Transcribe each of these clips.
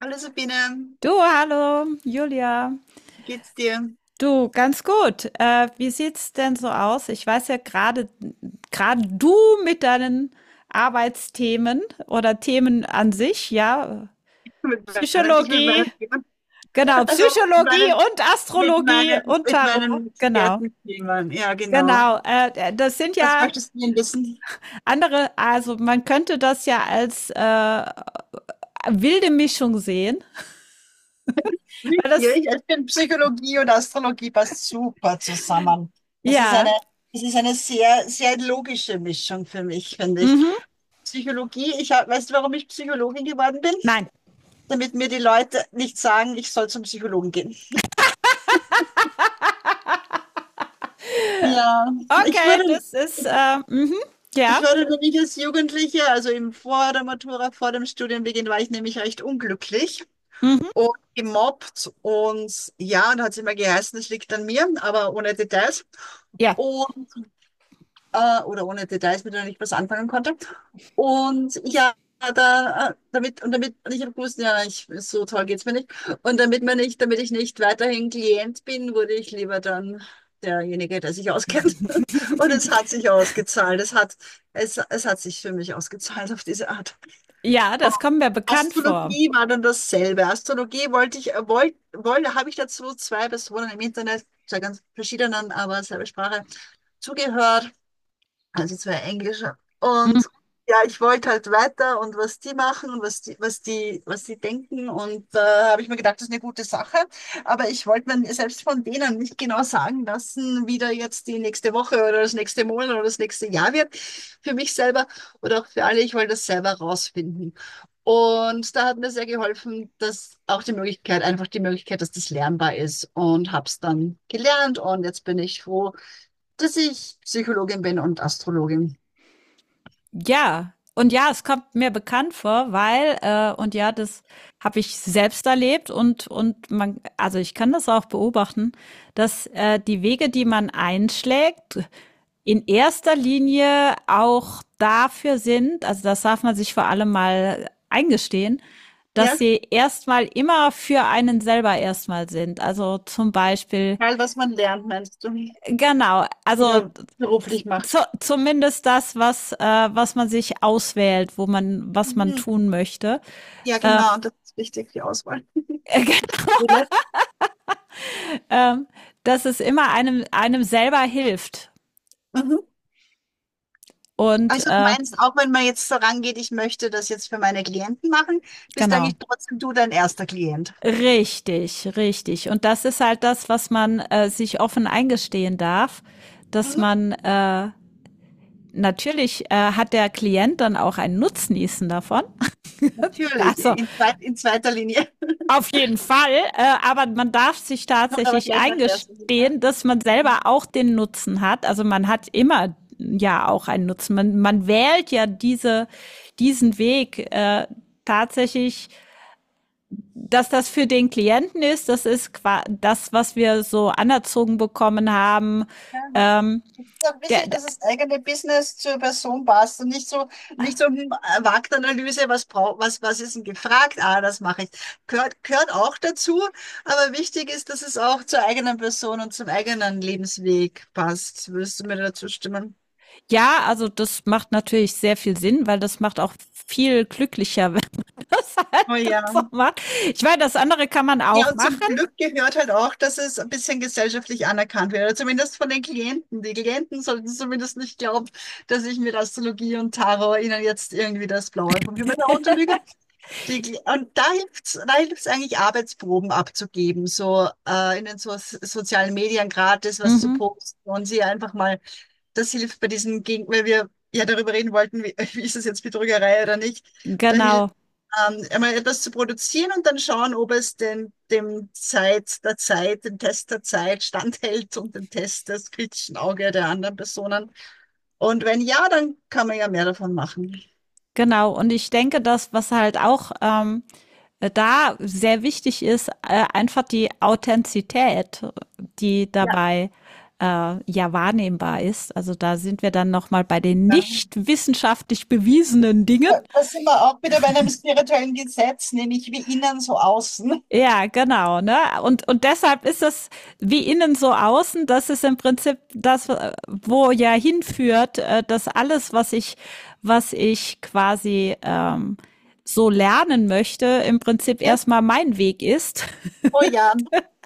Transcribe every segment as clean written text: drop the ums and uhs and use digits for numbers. Hallo Sabine, Du, hallo, Julia. wie geht's dir? Du, ganz gut. Wie sieht's denn so aus? Ich weiß ja gerade du mit deinen Arbeitsthemen oder Themen an sich, ja, Ich mit Psychologie, meinen Themen, genau, also Psychologie und Astrologie und mit Tarot, meinen genau, Expertenthemen, ja genau. genau. Das sind Was ja möchtest du denn wissen? andere, also man könnte das ja als wilde Mischung sehen, weil das, Wirklich, ich finde Psychologie und Astrologie passt super zusammen. Das ist eine, ja, das ist eine sehr, sehr logische Mischung für mich, finde ich. mhm, Psychologie, ich hab, weißt du, warum ich Psychologin geworden bin? nein. Damit mir die Leute nicht sagen, ich soll zum Psychologen gehen. Ja, ich Okay, wurde, das ist, mhm, Ich ja, war nämlich als Jugendliche, also eben vor der Matura, vor dem Studienbeginn, war ich nämlich recht unglücklich mhm, und gemobbt und ja, und hat es immer geheißen, es liegt an mir, aber ohne Details ja. und, oder ohne Details, mit denen ich was anfangen konnte. Und ja, da, damit, und damit, und ich habe gewusst, ja, ich, so toll geht's mir nicht. Und damit ich nicht weiterhin Klient bin, wurde ich lieber dann derjenige, der sich auskennt. Und es hat sich ausgezahlt. Es hat sich für mich ausgezahlt auf diese Art. Ja, Und das kommt mir bekannt vor. Astrologie war dann dasselbe. Astrologie wollte ich, wollte, wollte, habe ich dazu zwei Personen im Internet, zwei ganz verschiedenen, aber selbe Sprache, zugehört. Also zwei Englische. Und ja, ich wollte halt weiter und was die machen und was die denken. Und da habe ich mir gedacht, das ist eine gute Sache. Aber ich wollte mir selbst von denen nicht genau sagen lassen, wie da jetzt die nächste Woche oder das nächste Monat oder das nächste Jahr wird. Für mich selber oder auch für alle. Ich wollte das selber rausfinden. Und da hat mir sehr geholfen, dass auch die Möglichkeit, einfach die Möglichkeit, dass das lernbar ist, und habe es dann gelernt, und jetzt bin ich froh, dass ich Psychologin bin und Astrologin. Ja, und ja, es kommt mir bekannt vor, weil, und ja, das habe ich selbst erlebt und man, also ich kann das auch beobachten, dass die Wege, die man einschlägt, in erster Linie auch dafür sind, also das darf man sich vor allem mal eingestehen, dass Ja, sie erstmal immer für einen selber erstmal sind. Also zum Beispiel, egal, was man lernt, meinst du? genau, also Oder beruflich macht. zumindest das, was, was man sich auswählt, wo man, was man Mhm. tun möchte. Ja, genau, das ist wichtig, die Auswahl. Wille. ähm, Dass es immer einem selber hilft. Mhm. Und Also du meinst, auch wenn man jetzt vorangeht, ich möchte das jetzt für meine Klienten machen, bist genau. eigentlich trotzdem du dein erster Klient. Richtig, richtig. Und das ist halt das, was man sich offen eingestehen darf, dass Mhm. man natürlich hat der Klient dann auch einen Nutznießen davon. Natürlich, Also in, zweit- in zweiter Linie. auf jeden Fall, aber man darf sich Oder aber tatsächlich gleich nach der ersten Linie. eingestehen, dass man Mhm. selber auch den Nutzen hat. Also man hat immer ja auch einen Nutzen. Man wählt ja diese, diesen Weg tatsächlich, dass das für den Klienten ist. Das ist das, was wir so anerzogen bekommen haben. Ja, Ähm, es ist auch der, wichtig, der, dass das eigene Business zur Person passt und nicht so, nicht so eine Marktanalyse, was braucht, was, was ist denn gefragt? Ah, das mache ich. Gehört auch dazu, aber wichtig ist, dass es auch zur eigenen Person und zum eigenen Lebensweg passt. Würdest du mir dazu stimmen? ja, also das macht natürlich sehr viel Sinn, weil das macht auch viel glücklicher, wenn man das halt Oh so ja. macht. Ich meine, das andere kann man Ja, auch und machen. zum Glück gehört halt auch, dass es ein bisschen gesellschaftlich anerkannt wird, oder zumindest von den Klienten. Die Klienten sollten zumindest nicht glauben, dass ich mit Astrologie und Tarot ihnen jetzt irgendwie das Blaue vom Himmel herunterlüge. Die, Gl- und da hilft's eigentlich, Arbeitsproben abzugeben, so in den so sozialen Medien gratis was zu Mhm, posten und sie einfach mal, das hilft bei diesem, Gegen weil wir ja darüber reden wollten, wie, wie ist es jetzt Betrügerei oder nicht, da hilft genau, einmal etwas zu produzieren und dann schauen, ob es den, dem Test der Zeit standhält und dem Test des kritischen Auge der anderen Personen. Und wenn ja, dann kann man ja mehr davon machen. genau. Und ich denke, das, was halt auch da sehr wichtig ist, einfach die Authentizität, die Ja. dabei ja wahrnehmbar ist. Also da sind wir dann nochmal bei den Ja. nicht wissenschaftlich bewiesenen Dingen. Ja, da sind wir auch wieder bei einem spirituellen Gesetz, nämlich wie innen so außen. Ja, genau, ne? Und deshalb ist es wie innen so außen, das ist im Prinzip das, wo ja hinführt, dass alles, was ich quasi so lernen möchte, im Prinzip Ja, erstmal mein Weg ist, oh ja.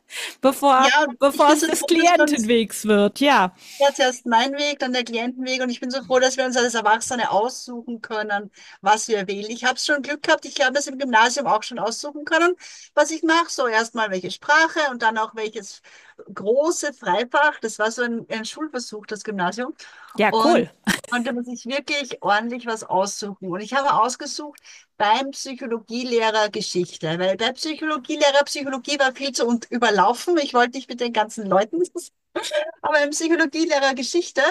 bevor, Ja, und ich bevor bin es so des froh, dass wir uns, Klientenwegs wird. Ja, ja, zuerst mein Weg, dann der Klientenweg, und ich bin so froh, dass wir uns als Erwachsene aussuchen können, was wir wählen. Ich habe schon Glück gehabt, ich habe das im Gymnasium auch schon aussuchen können, was ich mache. So erstmal welche Sprache und dann auch welches große Freifach. Das war so ein Schulversuch, das Gymnasium. ja, Und cool. konnte man sich wirklich ordentlich was aussuchen. Und ich habe ausgesucht beim Psychologielehrer Geschichte, weil der Psychologielehrer Psychologie war viel zu und überlaufen. Ich wollte nicht mit den ganzen Leuten, aber im Psychologielehrer Geschichte,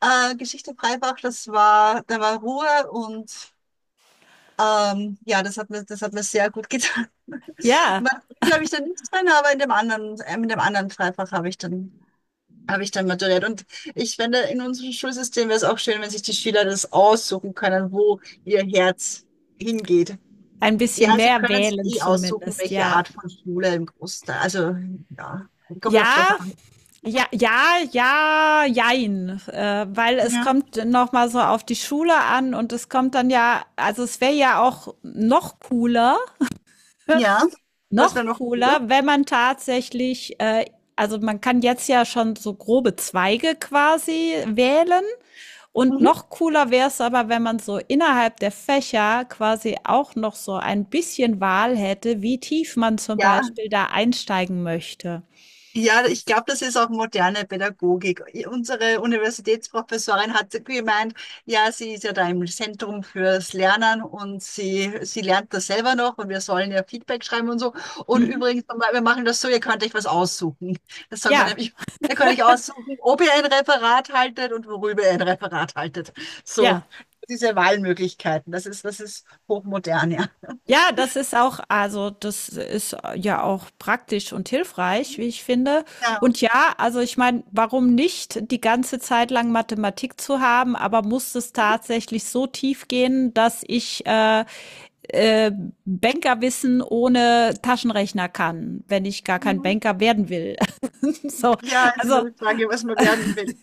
Geschichte Freibach, das war, da war Ruhe und ja, das hat mir sehr gut getan. Ja, Mathematik habe ich dann nichts drin, aber in dem anderen Freifach habe ich dann maturiert. Und ich finde, in unserem Schulsystem wäre es auch schön, wenn sich die Schüler das aussuchen können, wo ihr Herz hingeht. ein bisschen Ja, sie mehr können es wählen eh aussuchen, zumindest, welche ja. Art von Schule im Großteil. Also, ja, kommt auch drauf Ja, an. ja, ja, ja, jein, weil es Ja. kommt noch mal so auf die Schule an und es kommt dann ja, also es wäre ja auch Ja, was wäre noch noch gut? cooler, wenn man tatsächlich, also man kann jetzt ja schon so grobe Zweige quasi wählen und Mhm. noch cooler wäre es aber, wenn man so innerhalb der Fächer quasi auch noch so ein bisschen Wahl hätte, wie tief man zum Ja. Beispiel da einsteigen möchte. Ja, ich glaube, das ist auch moderne Pädagogik. Unsere Universitätsprofessorin hat gemeint, ja, sie ist ja da im Zentrum fürs Lernen und sie lernt das selber noch, und wir sollen ja Feedback schreiben und so. Und Mhm. übrigens, wir machen das so, ihr könnt euch was aussuchen. Das soll man Ja, nämlich, ihr könnt euch aussuchen, ob ihr ein Referat haltet und worüber ihr ein Referat haltet. So, ja. diese Wahlmöglichkeiten, das ist hochmodern, ja. Ja, das ist auch, also das ist ja auch praktisch und hilfreich, wie ich finde. Ja. Und ja, also ich meine, warum nicht die ganze Zeit lang Mathematik zu haben, aber muss es tatsächlich so tief gehen, dass ich äh, Bankerwissen ohne Taschenrechner kann, wenn ich gar kein Mhm. Banker werden will. So, Ja, jetzt ist also, immer die Frage, was man werden will.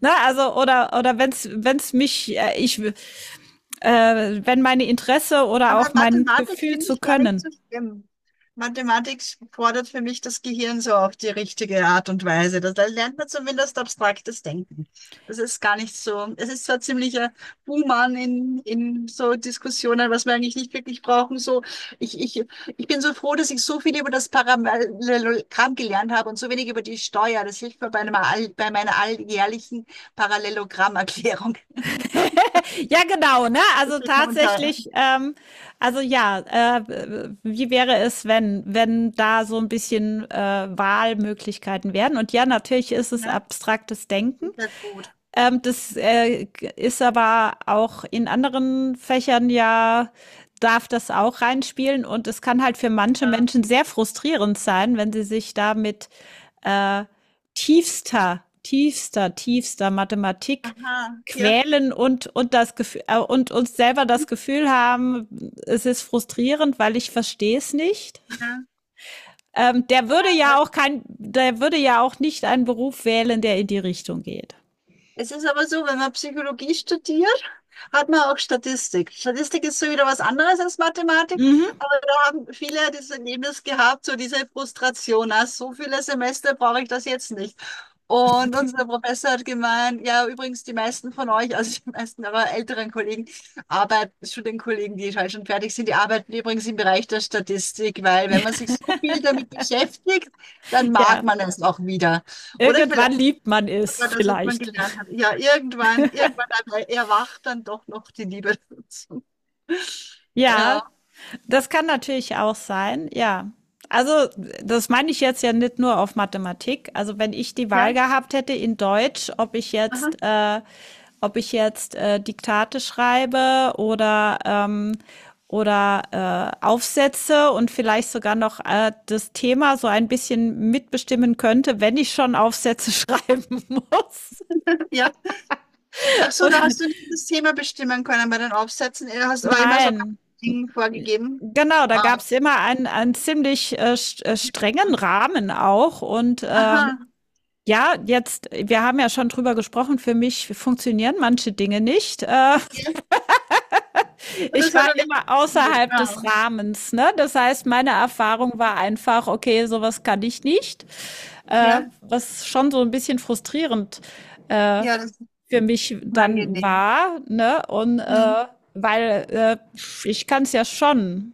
ne, also oder wenn's mich ich wenn meine Interesse oder Aber auch mein Mathematik Gefühl finde zu ich gar nicht können. so schlimm. Mathematik fordert für mich das Gehirn so auf die richtige Art und Weise. Da lernt man zumindest abstraktes Denken. Das ist gar nicht so. Es ist zwar ziemlicher Buhmann in so Diskussionen, was wir eigentlich nicht wirklich brauchen. So, ich, ich, ich bin so froh, dass ich so viel über das Parallelogramm gelernt habe und so wenig über die Steuer. Das hilft mir bei meiner alljährlichen Parallelogrammerklärung. Ja, genau, ne? Das Also hilft mir unter, tatsächlich, also ja, äh, wie wäre es, wenn, wenn da so ein bisschen Wahlmöglichkeiten wären? Und ja, natürlich ist es ne? abstraktes Denken. Ist ja gut. Das ist aber auch in anderen Fächern ja, darf das auch reinspielen und es kann halt für manche Ja. Menschen sehr frustrierend sein, wenn sie sich da mit äh, tiefster, tiefster, tiefster Mathematik Aha, ja. quälen und das Gefühl und uns selber das Gefühl haben, es ist frustrierend, weil ich verstehe es nicht. Ja. Der würde ja auch kein, der würde ja auch nicht einen Beruf wählen, der in die Richtung geht. Es ist aber so, wenn man Psychologie studiert, hat man auch Statistik. Statistik ist so wieder was anderes als Mathematik, Mhm. aber da haben viele das Erlebnis gehabt, so diese Frustration, na, so viele Semester brauche ich das jetzt nicht. Und unser Professor hat gemeint, ja, übrigens, die meisten von euch, also die meisten aber älteren Kollegen, Arbeit, Studienkollegen, die halt schon fertig sind, die arbeiten übrigens im Bereich der Statistik, weil wenn man sich so viel damit beschäftigt, dann mag Ja. man es auch wieder. Oder vielleicht Irgendwann liebt man es ja, das, was man vielleicht. gelernt hat. Ja, irgendwann dann erwacht dann doch noch die Liebe dazu. Ja, Ja. das kann natürlich auch sein, ja. Also, das meine ich jetzt ja nicht nur auf Mathematik. Also, wenn ich die Wahl Ja. gehabt hätte in Deutsch, Aha. Ob ich jetzt Diktate schreibe oder Aufsätze und vielleicht sogar noch das Thema so ein bisschen mitbestimmen könnte, wenn ich schon Aufsätze schreiben muss. Ja. Ach so, da Und hast du nicht das Thema bestimmen können bei den Aufsätzen. Du hast aber immer so ganz nein, Ding vorgegeben. genau, da gab Ah. es immer einen, einen ziemlich strengen Rahmen auch. Und Aha. ja, jetzt, wir haben ja schon drüber gesprochen, für mich funktionieren manche Dinge nicht. Ja. Und Ich das war hat doch nicht immer funktioniert. außerhalb des Ah. Rahmens, ne? Das heißt, meine Erfahrung war einfach, okay, sowas kann ich nicht. Ja. Was schon so ein bisschen frustrierend äh, Ja, das ist für mich dann unangenehm. war, ne? Und Mhm. Weil ich kann es ja schon,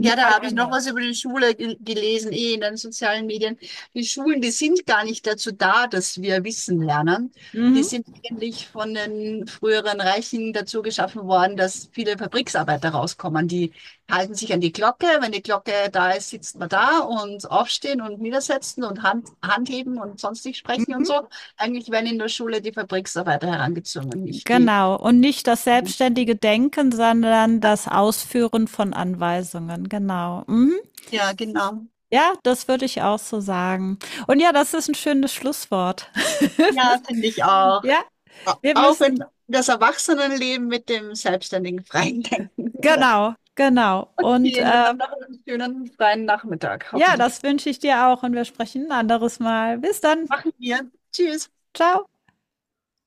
Ja, da halt habe ich noch anders. was über die Schule ge- gelesen, eh in den sozialen Medien. Die Schulen, die sind gar nicht dazu da, dass wir Wissen lernen. Die Mhm. sind eigentlich von den früheren Reichen dazu geschaffen worden, dass viele Fabriksarbeiter rauskommen. Die halten sich an die Glocke. Wenn die Glocke da ist, sitzt man da und aufstehen und niedersetzen und Hand heben und sonst nicht sprechen und Mhm. so. Eigentlich werden in der Schule die Fabriksarbeiter herangezwungen, nicht die. Genau. Und nicht das selbstständige Denken, sondern das Ausführen von Anweisungen. Genau. Mhm. Ja, genau. Ja, das würde ich auch so sagen. Und ja, das ist ein schönes Schlusswort. Ja, finde ich auch. Ja, Au- wir Auch müssen, in das Erwachsenenleben mit dem selbstständigen freien Denken, oder? genau, genau. Und Okay, na dann noch einen schönen freien Nachmittag, ja, hoffentlich. das wünsche ich dir auch und wir sprechen ein anderes Mal. Bis dann. Machen wir. Tschüss. Ciao.